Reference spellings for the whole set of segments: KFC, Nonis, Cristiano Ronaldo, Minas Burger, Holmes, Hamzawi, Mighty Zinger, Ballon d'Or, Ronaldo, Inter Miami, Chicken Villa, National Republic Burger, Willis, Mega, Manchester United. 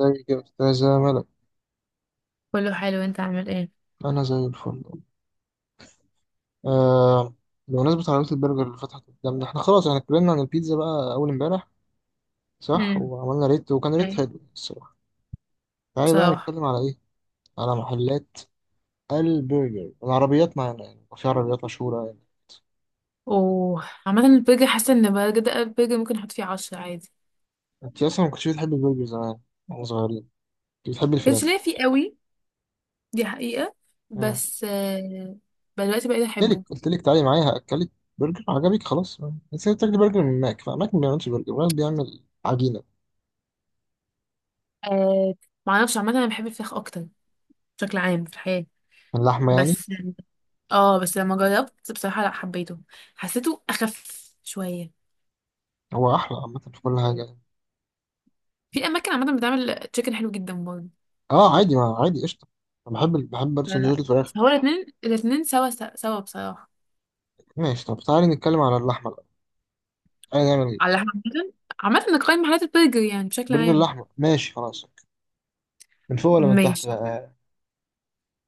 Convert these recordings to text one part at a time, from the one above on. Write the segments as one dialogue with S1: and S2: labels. S1: ازيك يا أستاذة ملك؟
S2: كله حلو. انت عامل ايه؟
S1: أنا زي الفل. آه. بمناسبة عربية البرجر اللي فتحت قدامنا احنا خلاص اتكلمنا عن البيتزا بقى أول امبارح، صح،
S2: امم
S1: وعملنا ريت وكان ريت
S2: ايوه
S1: حلو الصراحة. تعالي بقى
S2: بصراحه،
S1: نتكلم على إيه؟ على محلات البرجر، العربيات معانا يعني، وفي عربيات مشهورة يعني.
S2: وعامه البرجر حاسه ان بجد البرجر ممكن احط فيه 10 عادي.
S1: أنت أصلا ما كنتش بتحبي البرجر زمان وإحنا صغيرين، كنت بتحبي الفراخ.
S2: كانش ليا فيه قوي، دي حقيقه
S1: آه.
S2: بس آه. بقى دلوقتي بقيت
S1: قلت لك
S2: احبه.
S1: قلت لك تعالي معايا هأكلك برجر عجبك خلاص. بس أنت بتاكلي برجر من ماك، فماك ما بيعملش برجر، ماك بيعمل عجينة
S2: آه، معرفش، عامه انا بحب الفراخ اكتر بشكل عام في الحياه.
S1: من لحمة يعني.
S2: بس اه بس لما جربت بصراحه لا حبيته، حسيته اخف شويه.
S1: هو أحلى عامة في كل حاجة.
S2: في اماكن عامه بتعمل تشيكن حلو جدا برضه.
S1: اه عادي، ما عادي، قشطة. انا بحب بحب برضه
S2: لا،
S1: سندوتشات الفراخ.
S2: فهو الاتنين سوا بصراحه.
S1: ماشي، طب تعالي نتكلم على اللحمة الأول. تعالي نعمل
S2: على
S1: ايه؟
S2: عامة، عامة نقيم محلات البرجر يعني بشكل
S1: برجر
S2: عام.
S1: اللحمة، ماشي خلاص. من فوق ولا من تحت
S2: ماشي،
S1: بقى؟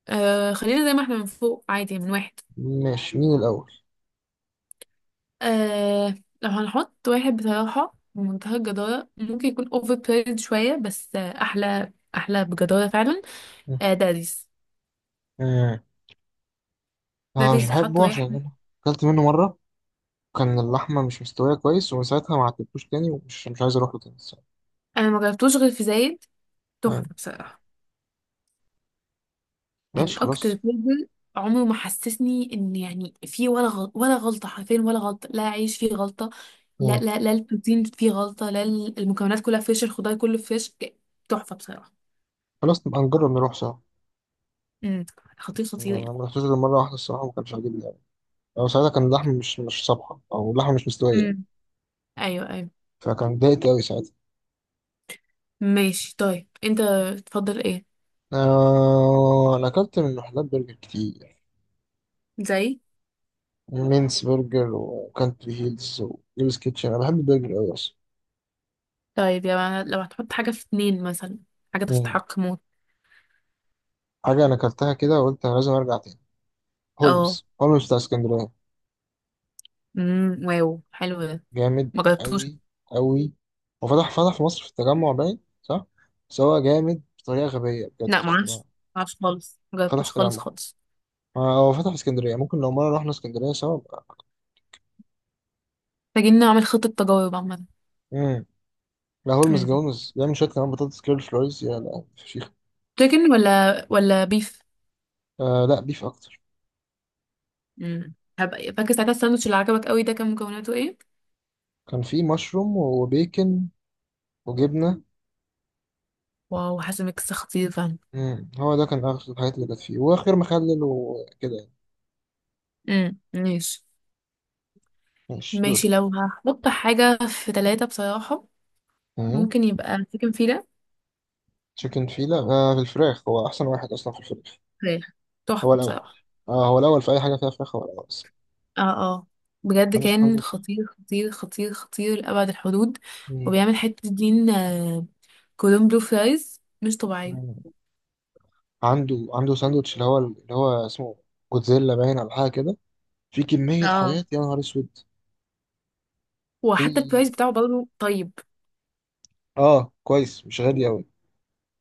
S2: آه، خلينا زي ما احنا من فوق عادي، من واحد.
S1: ماشي، مين الأول؟
S2: آه، لو هنحط واحد بصراحة بمنتهى الجدارة، ممكن يكون اوفر بريد شوية بس آه أحلى بجدارة فعلا. آه داريس.
S1: آه. آه، مش
S2: داريس اتحط
S1: بحبه عشان
S2: واحد.
S1: أنا أكلت منه مرة كان اللحمة مش مستوية كويس، ومن ساعتها ما عدتوش تاني، ومش مش عايز أروح له تاني الصراحة.
S2: أنا ما جربتوش غير في زايد،
S1: آه.
S2: تحفة بصراحة. يعني
S1: ماشي
S2: اكتر
S1: خلاص.
S2: فيلم عمره ما حسسني ان يعني فيه ولا غلط ولا غلطه، حرفيا ولا غلطه، لا عيش فيه غلطه. لا
S1: آه.
S2: لا لا البروتين فيه غلطه، لا ال- المكونات كلها فريش، الخضار كله فريش، ك- تحفه بصراحه.
S1: خلاص نبقى نجرب نروح سوا.
S2: امم، خطير
S1: يعني
S2: خطير
S1: أنا
S2: يعني.
S1: ما رحتوش غير مرة واحدة الصراحة، وما كانش عاجبني أوي، أو ساعتها كان اللحمة مش صبحة، أو اللحمة مش مستوية،
S2: امم ايوه ايوه
S1: فكان اتضايقت أوي ساعتها.
S2: ماشي. طيب انت تفضل ايه؟
S1: آه أنا أكلت من محلات برجر كتير،
S2: زي.
S1: مينس برجر وكانتري هيلز وجيمس كيتشن. أنا بحب البرجر أوي أصلا.
S2: طيب يا، لو هتحط حاجه في اتنين مثلا، حاجه
S1: مم.
S2: تستحق موت.
S1: حاجة أنا أكلتها كده وقلت أنا لازم أرجع تاني،
S2: اه،
S1: هولمز بتاع اسكندرية.
S2: امم، واو، حلو ده،
S1: جامد
S2: ما جربتوش.
S1: أوي أوي. وفتح في مصر في التجمع باين صح؟ بس هو جامد بطريقة غبية، بجد
S2: لا ما
S1: اختراع.
S2: اعرفش، ما اعرفش خالص، ما
S1: فتح
S2: جربتوش
S1: في
S2: خالص
S1: التجمع.
S2: خالص
S1: آه، هو فتح في اسكندرية، ممكن لو مرة رحنا اسكندرية سوا بقى.
S2: محتاجين نعمل خطه تجارب عامه.
S1: مم. لا هولمز
S2: مم.
S1: جومز بيعمل شوية كمان بطاطس كيرل فلويز، يا لا فشيخ.
S2: تشيكن ولا بيف؟
S1: آه لا، بيف أكتر.
S2: مم. هبقى فاكر ساعتها الساندوتش اللي عجبك قوي ده كان مكوناته ايه؟
S1: كان فيه مشروم وبيكن وجبنة.
S2: واو، حاسه ميكس خطير فعلا.
S1: مم. هو ده كان آخر الحاجات اللي كانت فيه، وآخر مخلل وكده يعني.
S2: مم. ماشي.
S1: ماشي دوري.
S2: ماشي، لو هحط حاجه في ثلاثة بصراحه،
S1: مم.
S2: ممكن يبقى تشيكن فيلا.
S1: تشيكن فيلا، آه في الفراخ هو أحسن واحد أصلا في الفراخ.
S2: فراخ، تحفه
S1: هو الأول.
S2: بصراحه.
S1: آه هو الأول في أي حاجة فيها فراخ، هو الأول أصلا.
S2: اه اه، بجد
S1: عنده
S2: كان
S1: ساندوتش.
S2: خطير لأبعد الحدود.
S1: مم.
S2: وبيعمل حتة دين آه، كولوم بلو فرايز مش طبيعية.
S1: مم. عنده ساندوتش اللي هو اسمه جوتزيلا، باين على حاجة كده، في كمية
S2: اه،
S1: حاجات يا نهار أسود. في
S2: وحتى البرايز بتاعه برضه طيب.
S1: آه كويس، مش غالي أوي.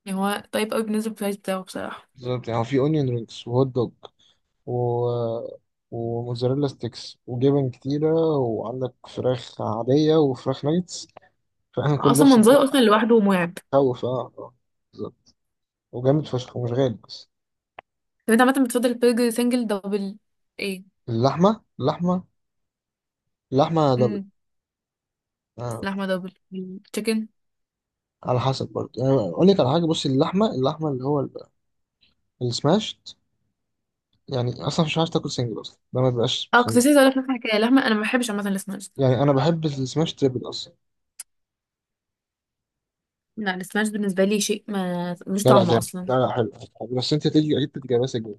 S2: يعني هو طيب قوي بالنسبة للبرايز بتاعه بصراحة.
S1: بالظبط. يعني هو في أونيون رينجز وهوت دوج و... وموزاريلا ستيكس وجبن كتيرة، وعندك فراخ عادية وفراخ نايتس، فاهم كل ده
S2: اصلا
S1: في سندوتش.
S2: منظره اصلا لوحده مرعب.
S1: مخوف، بالظبط. وجامد فشخ ومش غالي بس.
S2: طب انت عامه بتفضل البرجر سنجل دبل؟ ايه؟
S1: اللحمة، اللحمة دبل.
S2: امم.
S1: آه.
S2: لحمه دبل، تشيكن.
S1: على حسب برضه يعني، أقول لك على حاجة، بصي اللحمة، السماشت يعني، أصلا مش عارف تاكل سنجل أصلا، ده ما بيبقاش
S2: اه كنت
S1: سنجل.
S2: لسه هقولك نفس الحكايه. لحمه انا ما بحبش عامه السماش.
S1: يعني أنا بحب السماش تريبل أصلا.
S2: لا، السماش بالنسبه لي شيء ما، مش
S1: لا لا
S2: طعم
S1: جامد،
S2: اصلا.
S1: لا لا حلو. حلو. بس أنت تيجي أكيد تتجابها سنجل.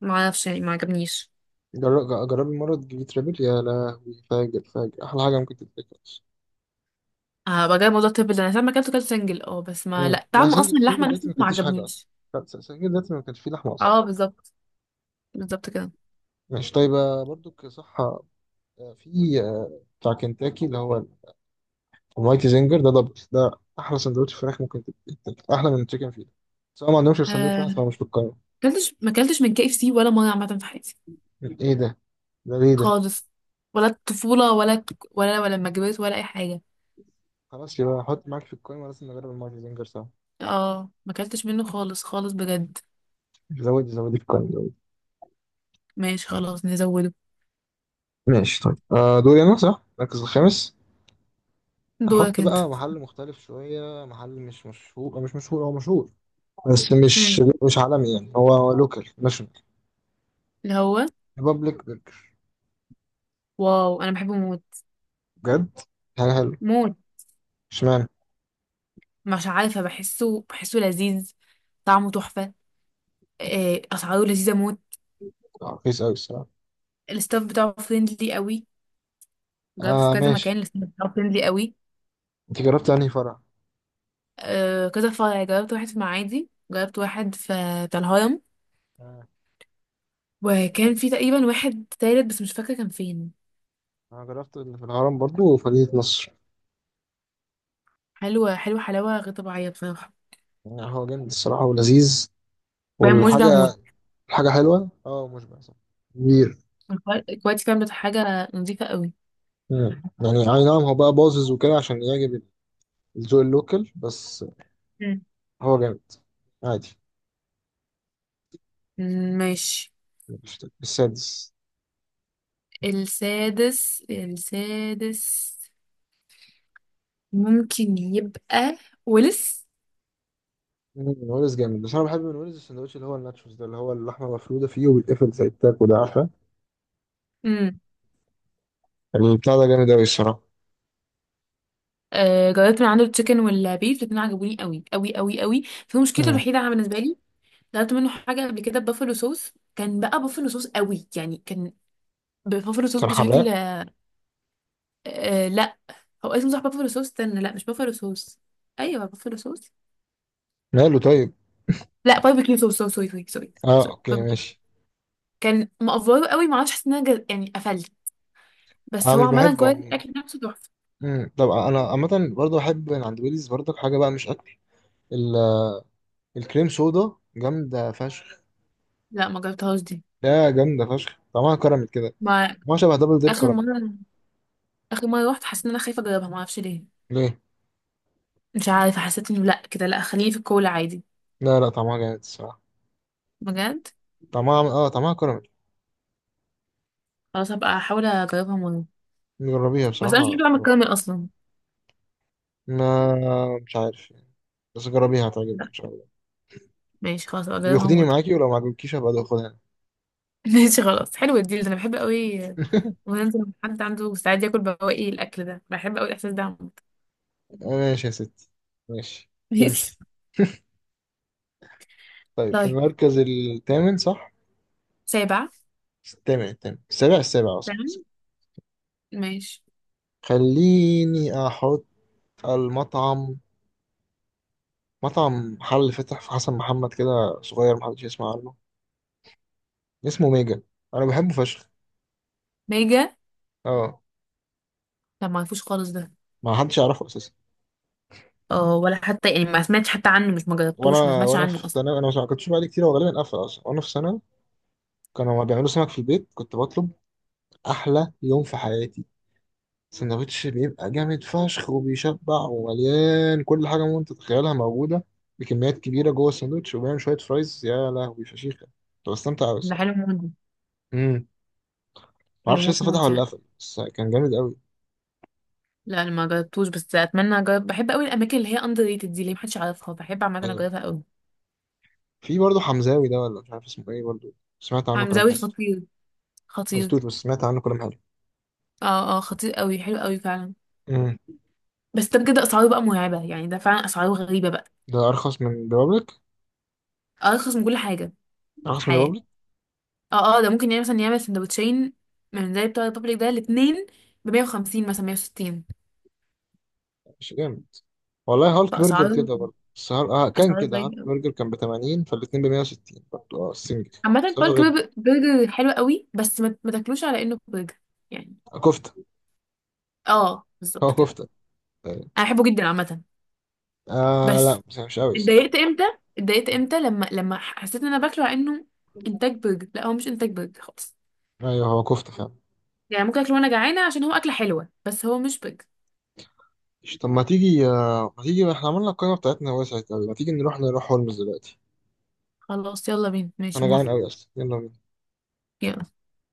S2: ما اعرفش يعني، ما عجبنيش.
S1: جربي مرة تجيبي تريبل، يا لهوي فاجر فاجر، أحلى حاجة ممكن تتاكل.
S2: اه، بقى جاي موضوع التربل ده، انا لما اكلته كلت سنجل، اه بس ما لا
S1: لا،
S2: طعم
S1: سنجل
S2: اصلا،
S1: سنجل
S2: اللحمه
S1: دلوقتي
S2: نفسه
S1: ما
S2: ما
S1: كلتيش حاجة أصلا.
S2: عجبنيش.
S1: لا، سنجل دلوقتي ما كانش فيه لحمة أصلا.
S2: اه بالظبط، بالظبط كده.
S1: ماشي طيب. برضو كصحة، في بتاع كنتاكي اللي هو المايتي زنجر، ده دبل ده، أحلى سندوتش فراخ ممكن تتاكل، أحلى من التشيكن فيلا. بس هو ما عندهمش غير سندوتش واحد،
S2: آه،
S1: فمش في القايمة.
S2: كلتش، ما كلتش من كي اف سي ولا مره عامه في حياتي،
S1: إيه ده، ده ليه ده؟
S2: خالص. ولا الطفوله ولا، ولا لما كبرت، ولا اي حاجه.
S1: خلاص يبقى حط معاك في القايمة، لازم نجرب المايتي زنجر سوا.
S2: اه، ما اكلتش منه خالص بجد.
S1: زودي زودي في القايمة، زودي.
S2: ماشي خلاص نزوده.
S1: ماشي طيب. دوري أنا صح؟ المركز الخامس. احط
S2: دورك انت.
S1: بقى محل مختلف شويه، محل مش مشهور، مش مشهور، هو مشهور بس مش
S2: امم،
S1: مش عالمي، يعني هو لوكال ناشونال.
S2: اللي هو.
S1: ريبابليك برجر.
S2: واو، انا بحبه موت.
S1: بجد حاجه حلوه.
S2: موت.
S1: اشمعنى؟
S2: مش عارفه، بحسه لذيذ، طعمه تحفه. آه، اسعاره لذيذه موت.
S1: رخيص قوي الصراحه.
S2: الستاف بتاعه فريندلي قوي. جربته في
S1: اه
S2: كذا
S1: ماشي.
S2: مكان، الستاف بتاعه فريندلي قوي.
S1: انت جربت انهي فرع؟
S2: آه، كذا فرع جربت، واحد في معادي، جربت واحد في بتاع الهرم.
S1: آه.
S2: وكان في تقريبا واحد تالت بس مش فاكره كان فين.
S1: انا جربت اللي في الهرم برضو وفدية نصر.
S2: حلوه حلاوه غير طبيعيه بصراحه.
S1: يعني هو جامد الصراحه ولذيذ،
S2: بقى مشبع موت.
S1: والحاجه حلوه، اه مشبع صح، كبير.
S2: الكوا- الكويت كانت حاجة نظيفة قوي.
S1: مم. يعني اي نعم، هو بقى باظظ وكده عشان يعجب الذوق اللوكال بس.
S2: مم.
S1: هو جامد، عادي.
S2: ماشي.
S1: السادس.
S2: السادس، السادس ممكن يبقى، ولس.
S1: مم، نونيز جامد، بس انا بحب من نونيز السندوتش اللي هو الناتشوز ده، اللي هو اللحمه مفروده فيه وبيتقفل زي التاكو، ده عارفه.
S2: امم.
S1: يعني البتاع ده جامد قوي الصراحه.
S2: آه جربت من عنده التشيكن والبيف، الاتنين عجبوني قوي. في مشكلته
S1: مم.
S2: الوحيدة عن- بالنسبة لي، جربت منه حاجة قبل كده بافلو صوص، كان بقى بافلو صوص قوي يعني، كان بافلو صوص
S1: كان
S2: بشكل
S1: حراق.
S2: آه، لا هو اسمه صح بافلو صوص، استنى، لا مش بافلو صوص، ايوه بافلو صوص.
S1: ماله طيب.
S2: لا باربيكيو صوص، سوري سوري سوري
S1: اه اوكي،
S2: سوري
S1: ماشي.
S2: كان مقفوله قوي ما اعرفش، حسيت ان انا جز... يعني قفلت. بس
S1: انا
S2: هو
S1: مش
S2: عملا
S1: بحبه
S2: كويس،
S1: عموماً.
S2: الاكل نفسه تحفه.
S1: مم. طب انا عامه برضه بحب من عند ويليز، برضه حاجه بقى مش اكل، ال- الكريم سودا جامده فشخ.
S2: لا ما جربتهاش دي.
S1: لا جامده فشخ، طعمها كراميل كده،
S2: ما،
S1: ما شبه دبل دير
S2: اخر
S1: كراميل.
S2: مره اخر مره رحت حسيت ان انا خايفه اجربها، ما اعرفش ليه.
S1: ليه؟
S2: مش عارفه، حسيت انه لا كده، لا خليه في الكولا عادي.
S1: لا لا طعمها جامد الصراحه.
S2: بجد؟
S1: طعمها، طعمها كراميل.
S2: خلاص هبقى احاول اجربها مره.
S1: جربيها
S2: بس
S1: بصراحه
S2: انا مش بحب اعمل
S1: خرافه.
S2: الكراميل اصلا.
S1: ما مش عارف يعني. بس جربيها هتعجبك
S2: لا.
S1: ان شاء الله.
S2: ماشي خلاص، هبقى اجربها
S1: بياخديني
S2: مره.
S1: معاكي، ولو ما عجبكيش هبقى اخدها انا.
S2: ماشي خلاص حلو الديل ده، انا بحب قوي. وننزل مع حد عنده استعداد ياكل بواقي الاكل ده، بحب قوي الاحساس ده عامة.
S1: ماشي يا ستي، ماشي. تمشي.
S2: ماشي.
S1: طيب في
S2: طيب،
S1: المركز الثامن صح؟
S2: سابع.
S1: الثامن الثامن، السابع السابع، اه صح صح.
S2: تمام، ماشي.
S1: خليني احط المطعم مطعم محل فتح في حسن محمد كده، صغير محدش يسمع عنه، اسمه ميجا. انا بحبه فشخ.
S2: ميجا،
S1: اه
S2: لا ما عرفوش خالص ده.
S1: ما حدش يعرفه اساسا.
S2: اه ولا حتى يعني ما سمعتش حتى عنه، مش ما جربتوش، ما
S1: وانا
S2: سمعتش
S1: وانا
S2: عنه
S1: في
S2: اصلا.
S1: ثانوي، انا ما كنتش بقالي كتير، هو غالبا قفل اصلا وانا في ثانوي. كانوا بيعملوا سمك في البيت، كنت بطلب، احلى يوم في حياتي. سندوتش بيبقى جامد فشخ، وبيشبع، ومليان كل حاجة ممكن تتخيلها موجودة بكميات كبيرة جوه السندوتش، وبيعمل شوية فرايز يا لهوي فشيخة. كنت بستمتع أوي
S2: ده
S1: الصراحة.
S2: حلو موت ده.
S1: امم،
S2: حلو
S1: معرفش
S2: موت
S1: لسه فتح
S2: موت
S1: ولا
S2: يعني.
S1: قفل، بس كان جامد أوي.
S2: لا انا ما جربتوش بس اتمنى اجرب، بحب قوي الاماكن اللي هي اندر ريتد دي، اللي محدش يعرفها بحب عامه
S1: أيوة،
S2: اجربها قوي.
S1: في برضه حمزاوي ده، ولا مش عارف اسمه إيه برضه، سمعت عنه كلام
S2: حمزاوي
S1: حلو.
S2: خطير، خطير.
S1: مقلتوش بس سمعت عنه كلام حلو.
S2: اه اه، خطير قوي، حلو قوي فعلا.
S1: امم.
S2: بس ده بجد اسعاره بقى مرعبه، يعني ده فعلا اسعاره غريبه بقى.
S1: ده أرخص من ريبابليك.
S2: ارخص من كل حاجه في
S1: أرخص من
S2: الحياه.
S1: ريبابليك،
S2: اه اه، ده ممكن يعني مثلا يعمل سندوتشين من زي بتوع الريبابليك ده، الاثنين ب 150 مثلا 160.
S1: مش جامد؟ والله هالك برجر
S2: فاسعاره،
S1: كده برضه، بس هال... آه كان
S2: اسعاره
S1: كده هالك
S2: غريبه.
S1: برجر كان ب 80، فالاتنين ب 160 برضه اه السنجل.
S2: عامة،
S1: بس هو
S2: بالك
S1: غير،
S2: برج- برجر حلو قوي بس ما تاكلوش على انه برجر يعني.
S1: كفتة،
S2: اه
S1: هو
S2: بالظبط كده.
S1: كفتة تقريباً.
S2: انا بحبه جدا عامة.
S1: آه
S2: بس
S1: لا بس مش قوي الصراحة.
S2: اتضايقت امتى اتضايقت امتى لما، لما حسيت ان انا باكله على انه انتاج برجر، لا هو مش انتاج برجر خالص.
S1: ايوه هو كفتة فعلا.
S2: يعني ممكن اكله وانا جعانة عشان هو اكلة حلوة بس هو مش برجر.
S1: طب ما تيجي، ما تيجي، احنا عملنا القائمة بتاعتنا وسعت قوي، ما تيجي نروح هولمز دلوقتي.
S2: خلاص يلا بينا، ماشي
S1: انا جعان
S2: موافقة.
S1: قوي اصلا، يلا بينا.
S2: يلا.